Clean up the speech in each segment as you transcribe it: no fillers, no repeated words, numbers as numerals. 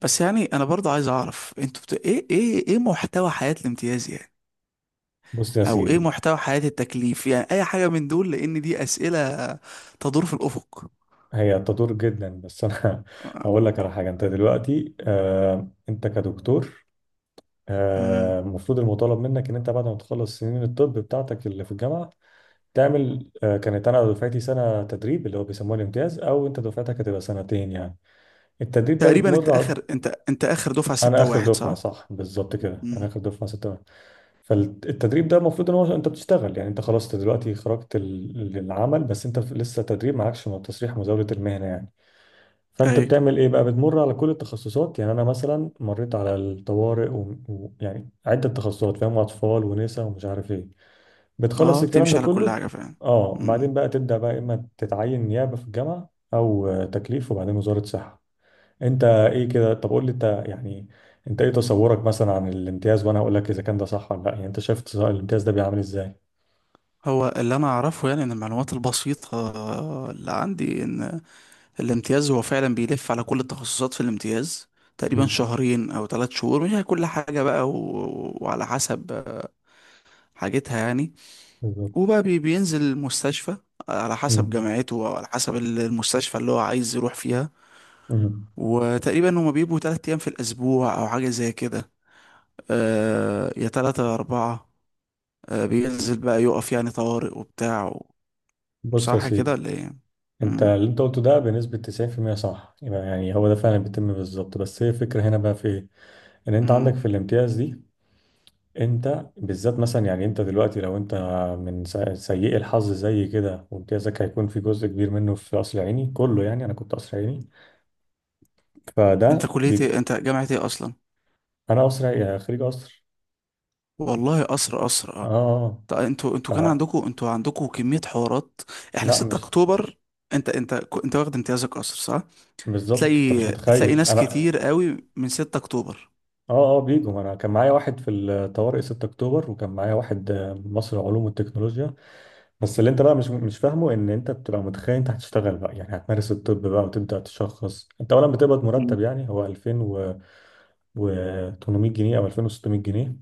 بس يعني انا برضه عايز اعرف انتوا ايه محتوى حياة الامتياز يعني، بص يا او ايه سيدي. محتوى حياة التكليف يعني اي حاجة من دول لان دي اسئلة تدور في الافق. هي تدور جدا، بس انا آه، هقول لك على حاجه. انت دلوقتي انت كدكتور أمم. المفروض المطالب منك ان انت بعد ما تخلص سنين الطب بتاعتك اللي في الجامعه تعمل كانت انا دفعتي سنه تدريب اللي هو بيسموه الامتياز، او انت دفعتك هتبقى سنتين يعني. التدريب ده تقريبا انت بتمر على- اخر انت انت اخر دفعة انا ستة اخر واحد دفعه، صح؟ صح، بالظبط كده، انا امم. اخر دفعه ستة. فالتدريب ده المفروض ان هو انت بتشتغل، يعني انت خلاص أنت دلوقتي خرجت للعمل، بس انت لسه تدريب، معكش تصريح مزاوله المهنه يعني. فانت ايوه. بتعمل ايه بقى؟ بتمر على كل التخصصات يعني. انا مثلا مريت على الطوارئ، ويعني و... يعني عده تخصصات، فاهم، اطفال ونساء ومش عارف ايه، بتخلص اه الكلام ده بتمشي على كل كله. حاجة فعلا. اه، امم. بعدين بقى تبدا بقى اما تتعين نيابه في الجامعه او تكليف وبعدين وزاره صحه. انت ايه كده؟ طب قول لي انت يعني انت ايه تصورك مثلا عن الامتياز، وانا هقول لك اذا كان ده صح ولا لا. يعني انت شايف الامتياز ده بيعمل ازاي؟ هو اللي انا اعرفه يعني ان المعلومات البسيطة اللي عندي ان الامتياز هو فعلا بيلف على كل التخصصات في الامتياز تقريبا مم. شهرين او ثلاث شهور مش كل حاجة بقى وعلى حسب حاجتها يعني. بالظبط. بينزل المستشفى على حسب مم. جامعته او على حسب المستشفى اللي هو عايز يروح فيها. مم. وتقريبا هما بيبقوا تلات ايام في الاسبوع او حاجة زي كده، آه يا تلاتة يا اربعة. آه بينزل بقى يقف يعني طوارئ وبتاع بص يا صح كده سيدي، ولا ايه؟ انت مم. اللي انت قلته ده بنسبة 90% صح، يبقى يعني هو ده فعلا بيتم بالظبط. بس هي الفكرة هنا بقى في ايه؟ ان انت عندك مم. في الامتياز دي، انت بالذات مثلا، يعني انت دلوقتي لو انت من سيئي الحظ زي كده، وامتيازك هيكون في جزء كبير منه في قصر عيني، كله يعني انا كنت قصر عيني. انت فده كلية بي... ايه؟ انت جامعة ايه اصلا؟ انا قصر عيني- خريج قصر. والله قصر آه. اه طب انتوا كان اه. عندكم، انتوا عندكم كمية حوارات؟ احنا فلا 6 مش اكتوبر. انت انت انت واخد امتيازك قصر صح؟ بالظبط، انت مش تلاقي متخيل ناس انا. كتير قوي من 6 اكتوبر. اه اه بيجوا. ما انا كان معايا واحد في الطوارئ 6 اكتوبر، وكان معايا واحد مصر العلوم والتكنولوجيا. بس اللي انت بقى مش فاهمه، ان انت بتبقى متخيل انت هتشتغل بقى، يعني هتمارس الطب بقى وتبدا تشخص. انت اولا بتقبض مم. مرتب، يعني هو 2000 و و 800 جنيه او 2600 جنيه.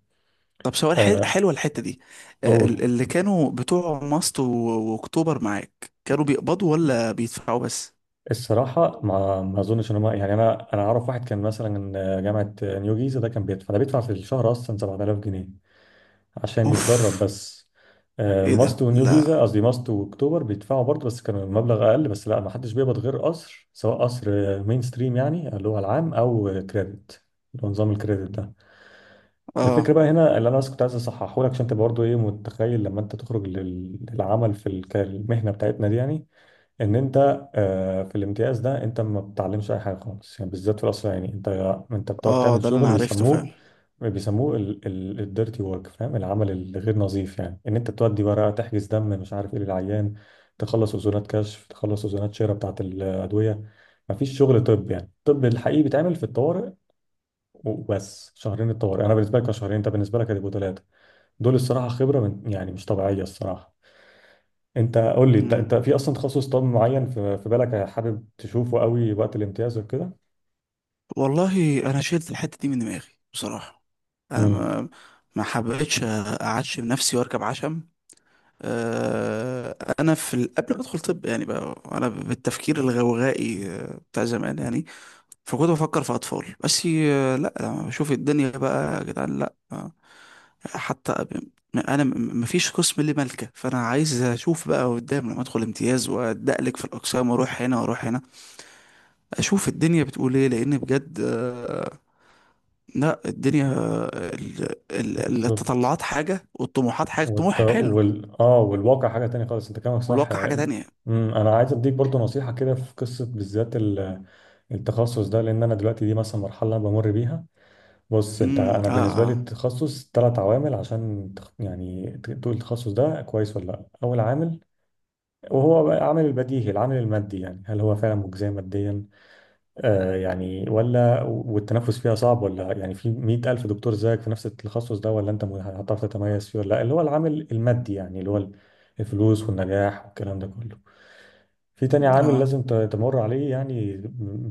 طب سؤال، آه، حلوة الحتة دي. اول اللي كانوا بتوع ماست واكتوبر معاك كانوا بيقبضوا ولا بيدفعوا بس؟ الصراحه ما اظنش ان هم، يعني انا انا اعرف واحد كان مثلا من جامعه نيو جيزه، ده كان بيدفع، ده بيدفع في الشهر اصلا 7000 جنيه عشان يتدرب اوف. بس. ايه ماست ده؟ ونيو جيزة، لا. قصدي ماست واكتوبر، بيدفعوا برضه، بس كان المبلغ أقل. بس لا، ما حدش بيقبض غير قصر، سواء قصر مين ستريم يعني اللي هو العام، أو كريدت، اللي هو نظام الكريدت ده. الفكرة اه بقى هنا اللي أنا بس كنت عايز أصححه لك، عشان أنت برضه إيه متخيل لما أنت تخرج للعمل في المهنة بتاعتنا دي يعني، ان انت في الامتياز ده انت ما بتتعلمش اي حاجه خالص، يعني بالذات في الاسرائيلي، انت بتقعد اه تعمل ده اللي انا شغل عرفته فعلا. بيسموه الديرتي ورك، فاهم، العمل الغير نظيف، يعني ان انت تودي ورقه، تحجز دم، مش عارف ايه للعيان، تخلص اذونات كشف، تخلص اذونات شراء بتاعه الادويه. ما فيش شغل طب، يعني الطب الحقيقي بيتعمل في الطوارئ وبس. شهرين الطوارئ انا بالنسبه لك كانوا شهرين، انت بالنسبه لك هتبقوا ثلاثه. دول الصراحه خبره من يعني مش طبيعيه الصراحه. انت قول لي انت، انت مم. في اصلا تخصص طب معين في بالك حابب تشوفه قوي وقت الامتياز وكده؟ والله انا شلت الحتة دي من دماغي بصراحة. انا امم. ما حبيتش اعشم نفسي واركب عشم. انا في قبل ما ادخل طب يعني بقى انا بالتفكير الغوغائي بتاع زمان يعني. فكنت بفكر في اطفال بس، لا لما بشوف الدنيا بقى يا جدعان لا. حتى ب- انا مفيش قسم لي ملكه، فانا عايز اشوف بقى قدام لما ادخل امتياز وادقلك في الاقسام واروح هنا واروح هنا، اشوف الدنيا بتقول ايه لان بجد. لا الدنيا بالظبط. التطلعات حاجه والطموحات حاجه، طموح والت... حلو وال... اه والواقع حاجه تانية خالص. انت كلامك صح. والواقع حاجه تانية. امم. انا عايز اديك برضو نصيحه كده في قصه بالذات التخصص ده، لان انا دلوقتي دي مثلا مرحله انا بمر بيها. بص انت، امم. انا اه بالنسبه اه لي التخصص ثلاث عوامل عشان يعني تقول التخصص ده كويس ولا لا. اول عامل، وهو بقى عامل البديهي، العامل المادي، يعني هل هو فعلا مجزي ماديا يعني، ولا والتنفس فيها صعب، ولا يعني في 100 ألف دكتور زيك في نفس التخصص ده، ولا أنت هتعرف تتميز فيه ولا لا؟ اللي هو العامل المادي، يعني اللي هو الفلوس والنجاح والكلام ده كله. في تاني عامل اه. لازم تمر عليه يعني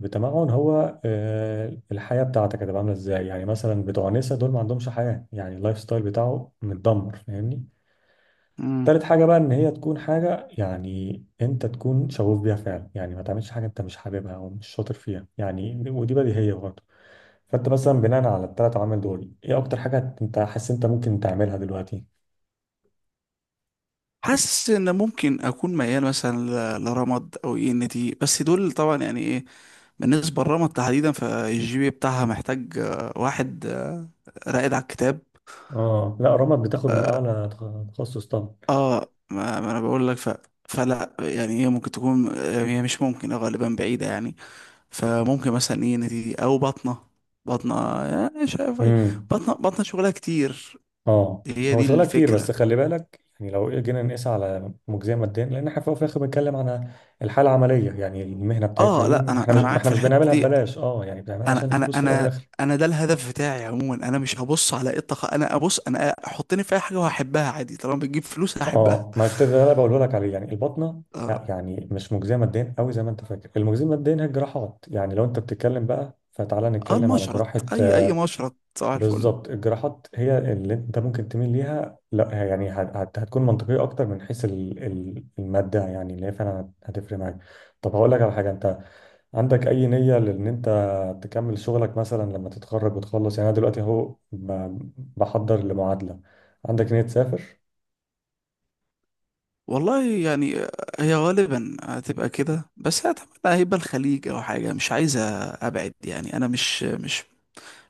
بتمعن، هو الحياة بتاعتك هتبقى عاملة ازاي؟ يعني مثلا بتوع نسا دول ما عندهمش حياة، يعني اللايف ستايل بتاعه متدمر، فاهمني. مم. تالت حاجة بقى، إن هي تكون حاجة يعني أنت تكون شغوف بيها فعلا، يعني ما تعملش حاجة أنت مش حاببها أو مش شاطر فيها يعني، ودي بديهية. فانت مثلا بناء على الثلاث عوامل دول، ايه اكتر حاجه انت حاسس انت ممكن تعملها دلوقتي؟ حاسس ان ممكن اكون ميال مثلا لرمض او اي ان تي، بس دول طبعا يعني ايه. بالنسبه لرمض تحديدا فالجي بي إيه بتاعها محتاج واحد راقد على الكتاب. اه، لا رمد بتاخد من اعلى تخصص طبعا. اه ما انا بقول لك. فلا يعني هي ممكن تكون هي مش ممكن، غالبا بعيده يعني. فممكن مثلا اي ان تي او بطنه. بطنه، شايف. امم. بطنه شغلها كتير. اه هي هو دي شغلها كتير، بس الفكره. خلي بالك، يعني لو جينا نقيس على مجزيه ماديا، لان احنا في الأول وفي الاخر بنتكلم عن الحاله العمليه، يعني المهنه بتاعتنا اه دي لا انا احنا مش، انا معاك احنا في مش الحته بنعملها دي. ببلاش، اه يعني بنعملها انا عشان انا الفلوس في الاول انا والاخر. انا ده الهدف بتاعي عموما. انا مش هبص على ايه الطاقه، انا ابص، انا حطني في اي حاجه وهحبها عادي، طالما بتجيب فلوس هحبها. اه، ما كنت ده انا بقوله لك عليه يعني، البطنه اه. لا يعني مش مجزيه ماديا قوي زي ما انت فاكر. المجزيه ماديا هي الجراحات، يعني لو انت بتتكلم بقى، فتعالى نتكلم على المشرط. جراحه. اي اي مشرط صباح الفل. بالظبط، الجراحات هي اللي انت ممكن تميل ليها، لا هي يعني هتكون منطقيه اكتر من حيث الماده، يعني اللي هي فعلا هتفرق معاك. طب هقول لك على حاجه، انت عندك اي نيه لان انت تكمل شغلك مثلا لما تتخرج وتخلص؟ يعني انا دلوقتي اهو بحضر لمعادله. عندك نيه تسافر؟ والله يعني، هي غالبا هتبقى كده، بس اتمنى هيبقى الخليج او حاجه. مش عايزه ابعد يعني. انا مش مش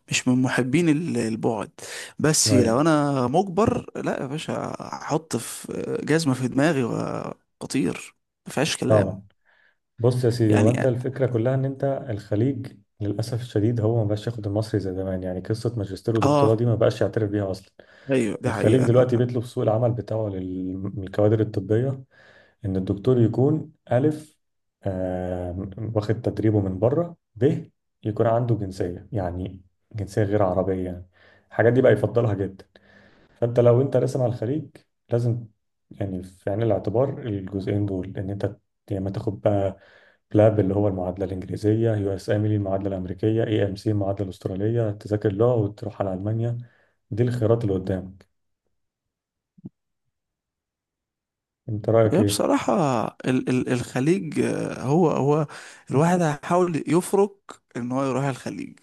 مش من محبين البعد. بس ايوه لو انا مجبر لا يا باشا، احط في جزمه في دماغي واطير. مفيهاش طبعا. كلام. بص يا سيدي، هو يعني انت الفكره كلها ان انت الخليج للاسف الشديد هو ما بقاش ياخد المصري زي زمان، يعني قصه ماجستير ودكتوراه اه دي ما بقاش يعترف بيها اصلا. ايوه دي الخليج حقيقة. انا دلوقتي بيطلب سوق العمل بتاعه للكوادر الطبية، إن الدكتور يكون ألف آه، واخد تدريبه من بره، ب يكون عنده جنسية يعني، جنسية غير عربية يعني. الحاجات دي بقى يفضلها جدا. فأنت لو أنت راسم على الخليج لازم يعني في عين الاعتبار الجزئين دول. إن أنت يا إما تاخد بقى بلاب اللي هو المعادلة الإنجليزية، يو إس إم المعادلة الأمريكية، اي ام سي المعادلة الأسترالية، تذاكر لغة وتروح على ألمانيا. دي الخيارات اللي قدامك. أنت رأيك هي إيه؟ بصراحة ال الخليج، هو الواحد هيحاول يفرق ان هو يروح الخليج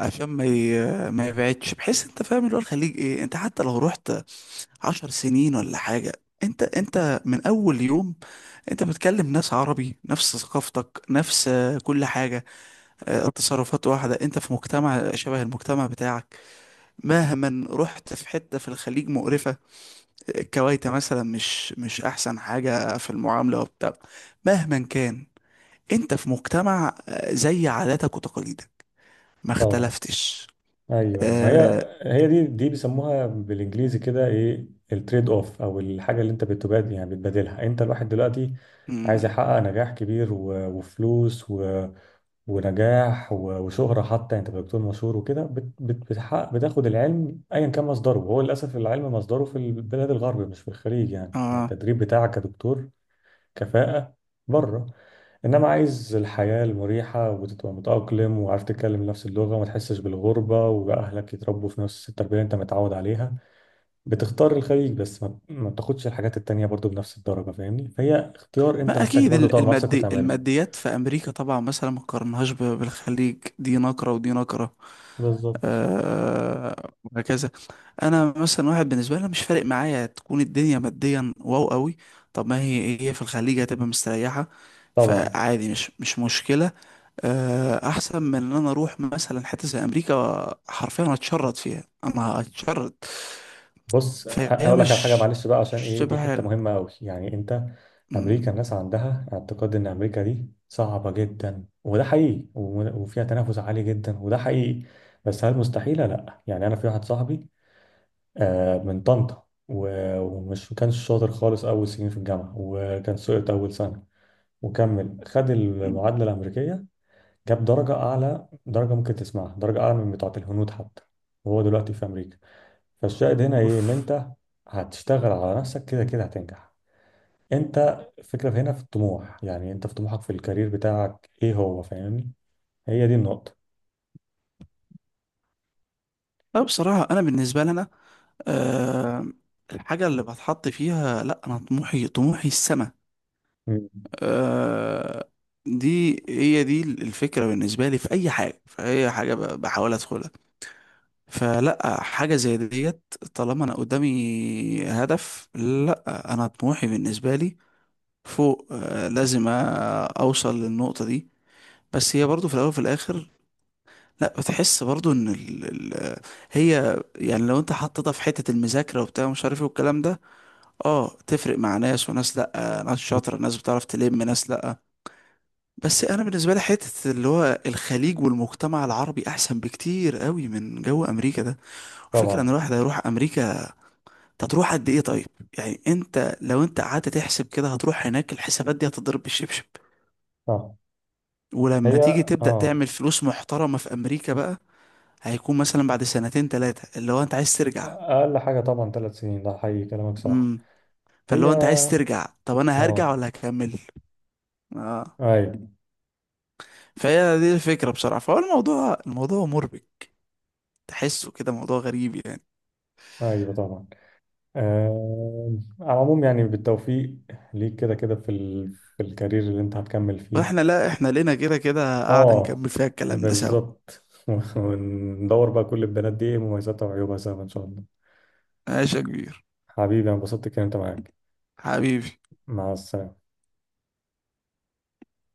عشان ما يبعدش، بحيث انت فاهم اللي هو الخليج ايه. انت حتى لو رحت عشر سنين ولا حاجة، انت من اول يوم انت بتكلم ناس عربي، نفس ثقافتك نفس كل حاجة. التصرفات واحدة، انت في مجتمع شبه المجتمع بتاعك. مهما رحت في حتة في الخليج مقرفة، كويتا مثلا، مش احسن حاجة في المعاملة وبتاع، مهما كان انت في مجتمع زي عاداتك وتقاليدك ما طبعا. اختلفتش. ايوه ايوه، ما اه, هي هي دي بيسموها بالانجليزي كده ايه، التريد اوف، او الحاجه اللي انت بتبادل، يعني بتبادلها. انت الواحد دلوقتي عايز مم، يحقق نجاح كبير و- وفلوس و... ونجاح و... وشهره حتى. يعني انت دكتور مشهور وكده بتحقق، بتاخد العلم ايا كان مصدره، وهو للاسف العلم مصدره في البلاد الغرب مش في الخليج يعني، آه. التدريب بتاعك كدكتور كفاءة بره. انما عايز الحياة المريحة وتبقى متأقلم وعارف تتكلم نفس اللغة، وما تحسش بالغربة، واهلك يتربوا في نفس التربية اللي انت متعود عليها، بتختار الخليج. بس ما بتاخدش الحاجات التانية برضو بنفس الدرجة، فاهمني. فهي اختيار انت ما محتاج اكيد برضو تقعد مع نفسك المادي، وتعمله. الماديات في امريكا طبعا مثلا ما قارنهاش بالخليج، دي نقرة ودي نقرة. بالظبط. آه، وهكذا. انا مثلا واحد بالنسبه لي، أنا مش فارق معايا تكون الدنيا ماديا واو قوي. طب ما هي في الخليج هتبقى مستريحه. طبعا. فعادي مش مشكله. احسن من ان انا اروح مثلا حته زي امريكا، حرفيا هتشرد فيها، انا هتشرد. بص فهي هقول لك على حاجه، مش معلش بقى عشان مش ايه دي تبقى حته حلو. مهمه قوي يعني. انت م- امريكا الناس عندها اعتقاد ان امريكا دي صعبه جدا، وده حقيقي، وفيها تنافس عالي جدا وده حقيقي، بس هل مستحيله؟ لا. يعني انا في واحد صاحبي من طنطا، ومش كانش شاطر خالص اول سنين في الجامعه، وكان سقط اول سنه، وكمل خد م- المعادله الامريكيه، جاب درجه اعلى درجه ممكن تسمعها، درجه اعلى من بتاعه الهنود حتى، وهو دلوقتي في امريكا. فالشاهد هنا ايه؟ ان اوف. انت هتشتغل على نفسك كده كده هتنجح. انت الفكرة هنا في الطموح، يعني انت في طموحك في الكارير بتاعك ايه هو؟ فاهمني، هي دي النقطة. لا بصراحه انا بالنسبه لي انا، آه، الحاجه اللي بتحط فيها لا، انا طموحي، طموحي السما. مم. آه، دي هي دي الفكرة بالنسبة لي في أي حاجة، في أي حاجة بحاول أدخلها. فلا حاجة زي ديت، طالما أنا قدامي هدف لا، أنا طموحي بالنسبة لي فوق، أوصل للنقطة دي. بس هي برضو في الأول وفي الآخر، لا بتحس برضو إن ال هي يعني لو أنت حطيتها في حتة المذاكرة وبتاع مش عارف إيه والكلام ده، أه تفرق مع ناس وناس، لا ناس شاطرة، ناس بتعرف تلم ناس لا. بس انا بالنسبه لي حته اللي هو الخليج والمجتمع العربي احسن بكتير قوي من جو امريكا ده. والفكره ان طبعا. الواحد هيروح امريكا هتروح قد ايه طيب؟ يعني انت لو قعدت تحسب كده هتروح هناك، الحسابات دي هتضرب بالشبشب. اه. ولما هي. تيجي تبدا اه. تعمل فلوس محترمه في امريكا بقى هيكون مثلا بعد سنتين ثلاثه اللي هو انت عايز ترجع. اقل حاجة طبعا ثلاث سنين، ده حقيقي كلامك صح. امم. فاللي هي. هو انت عايز ترجع، طب انا هرجع اه. ولا هكمل؟ اه. ايوه. فهي دي الفكره بصراحه. فهو الموضوع، الموضوع مربك، تحسه كده موضوع غريب يعني. ايوه. طبعا. آه. على العموم يعني بالتوفيق ليك، كده كده في في الكارير اللي انت هتكمل فيه. واحنا لا، احنا لينا كده كده قاعدة اه نكمل فيها الكلام ده سوا. بالظبط. وندور بقى كل البنات دي ايه مميزاتها وعيوبها سوا ان شاء الله. ماشي يا كبير. حبيبي انا انبسطت الكلام معاك. حبيبي. مع السلامة.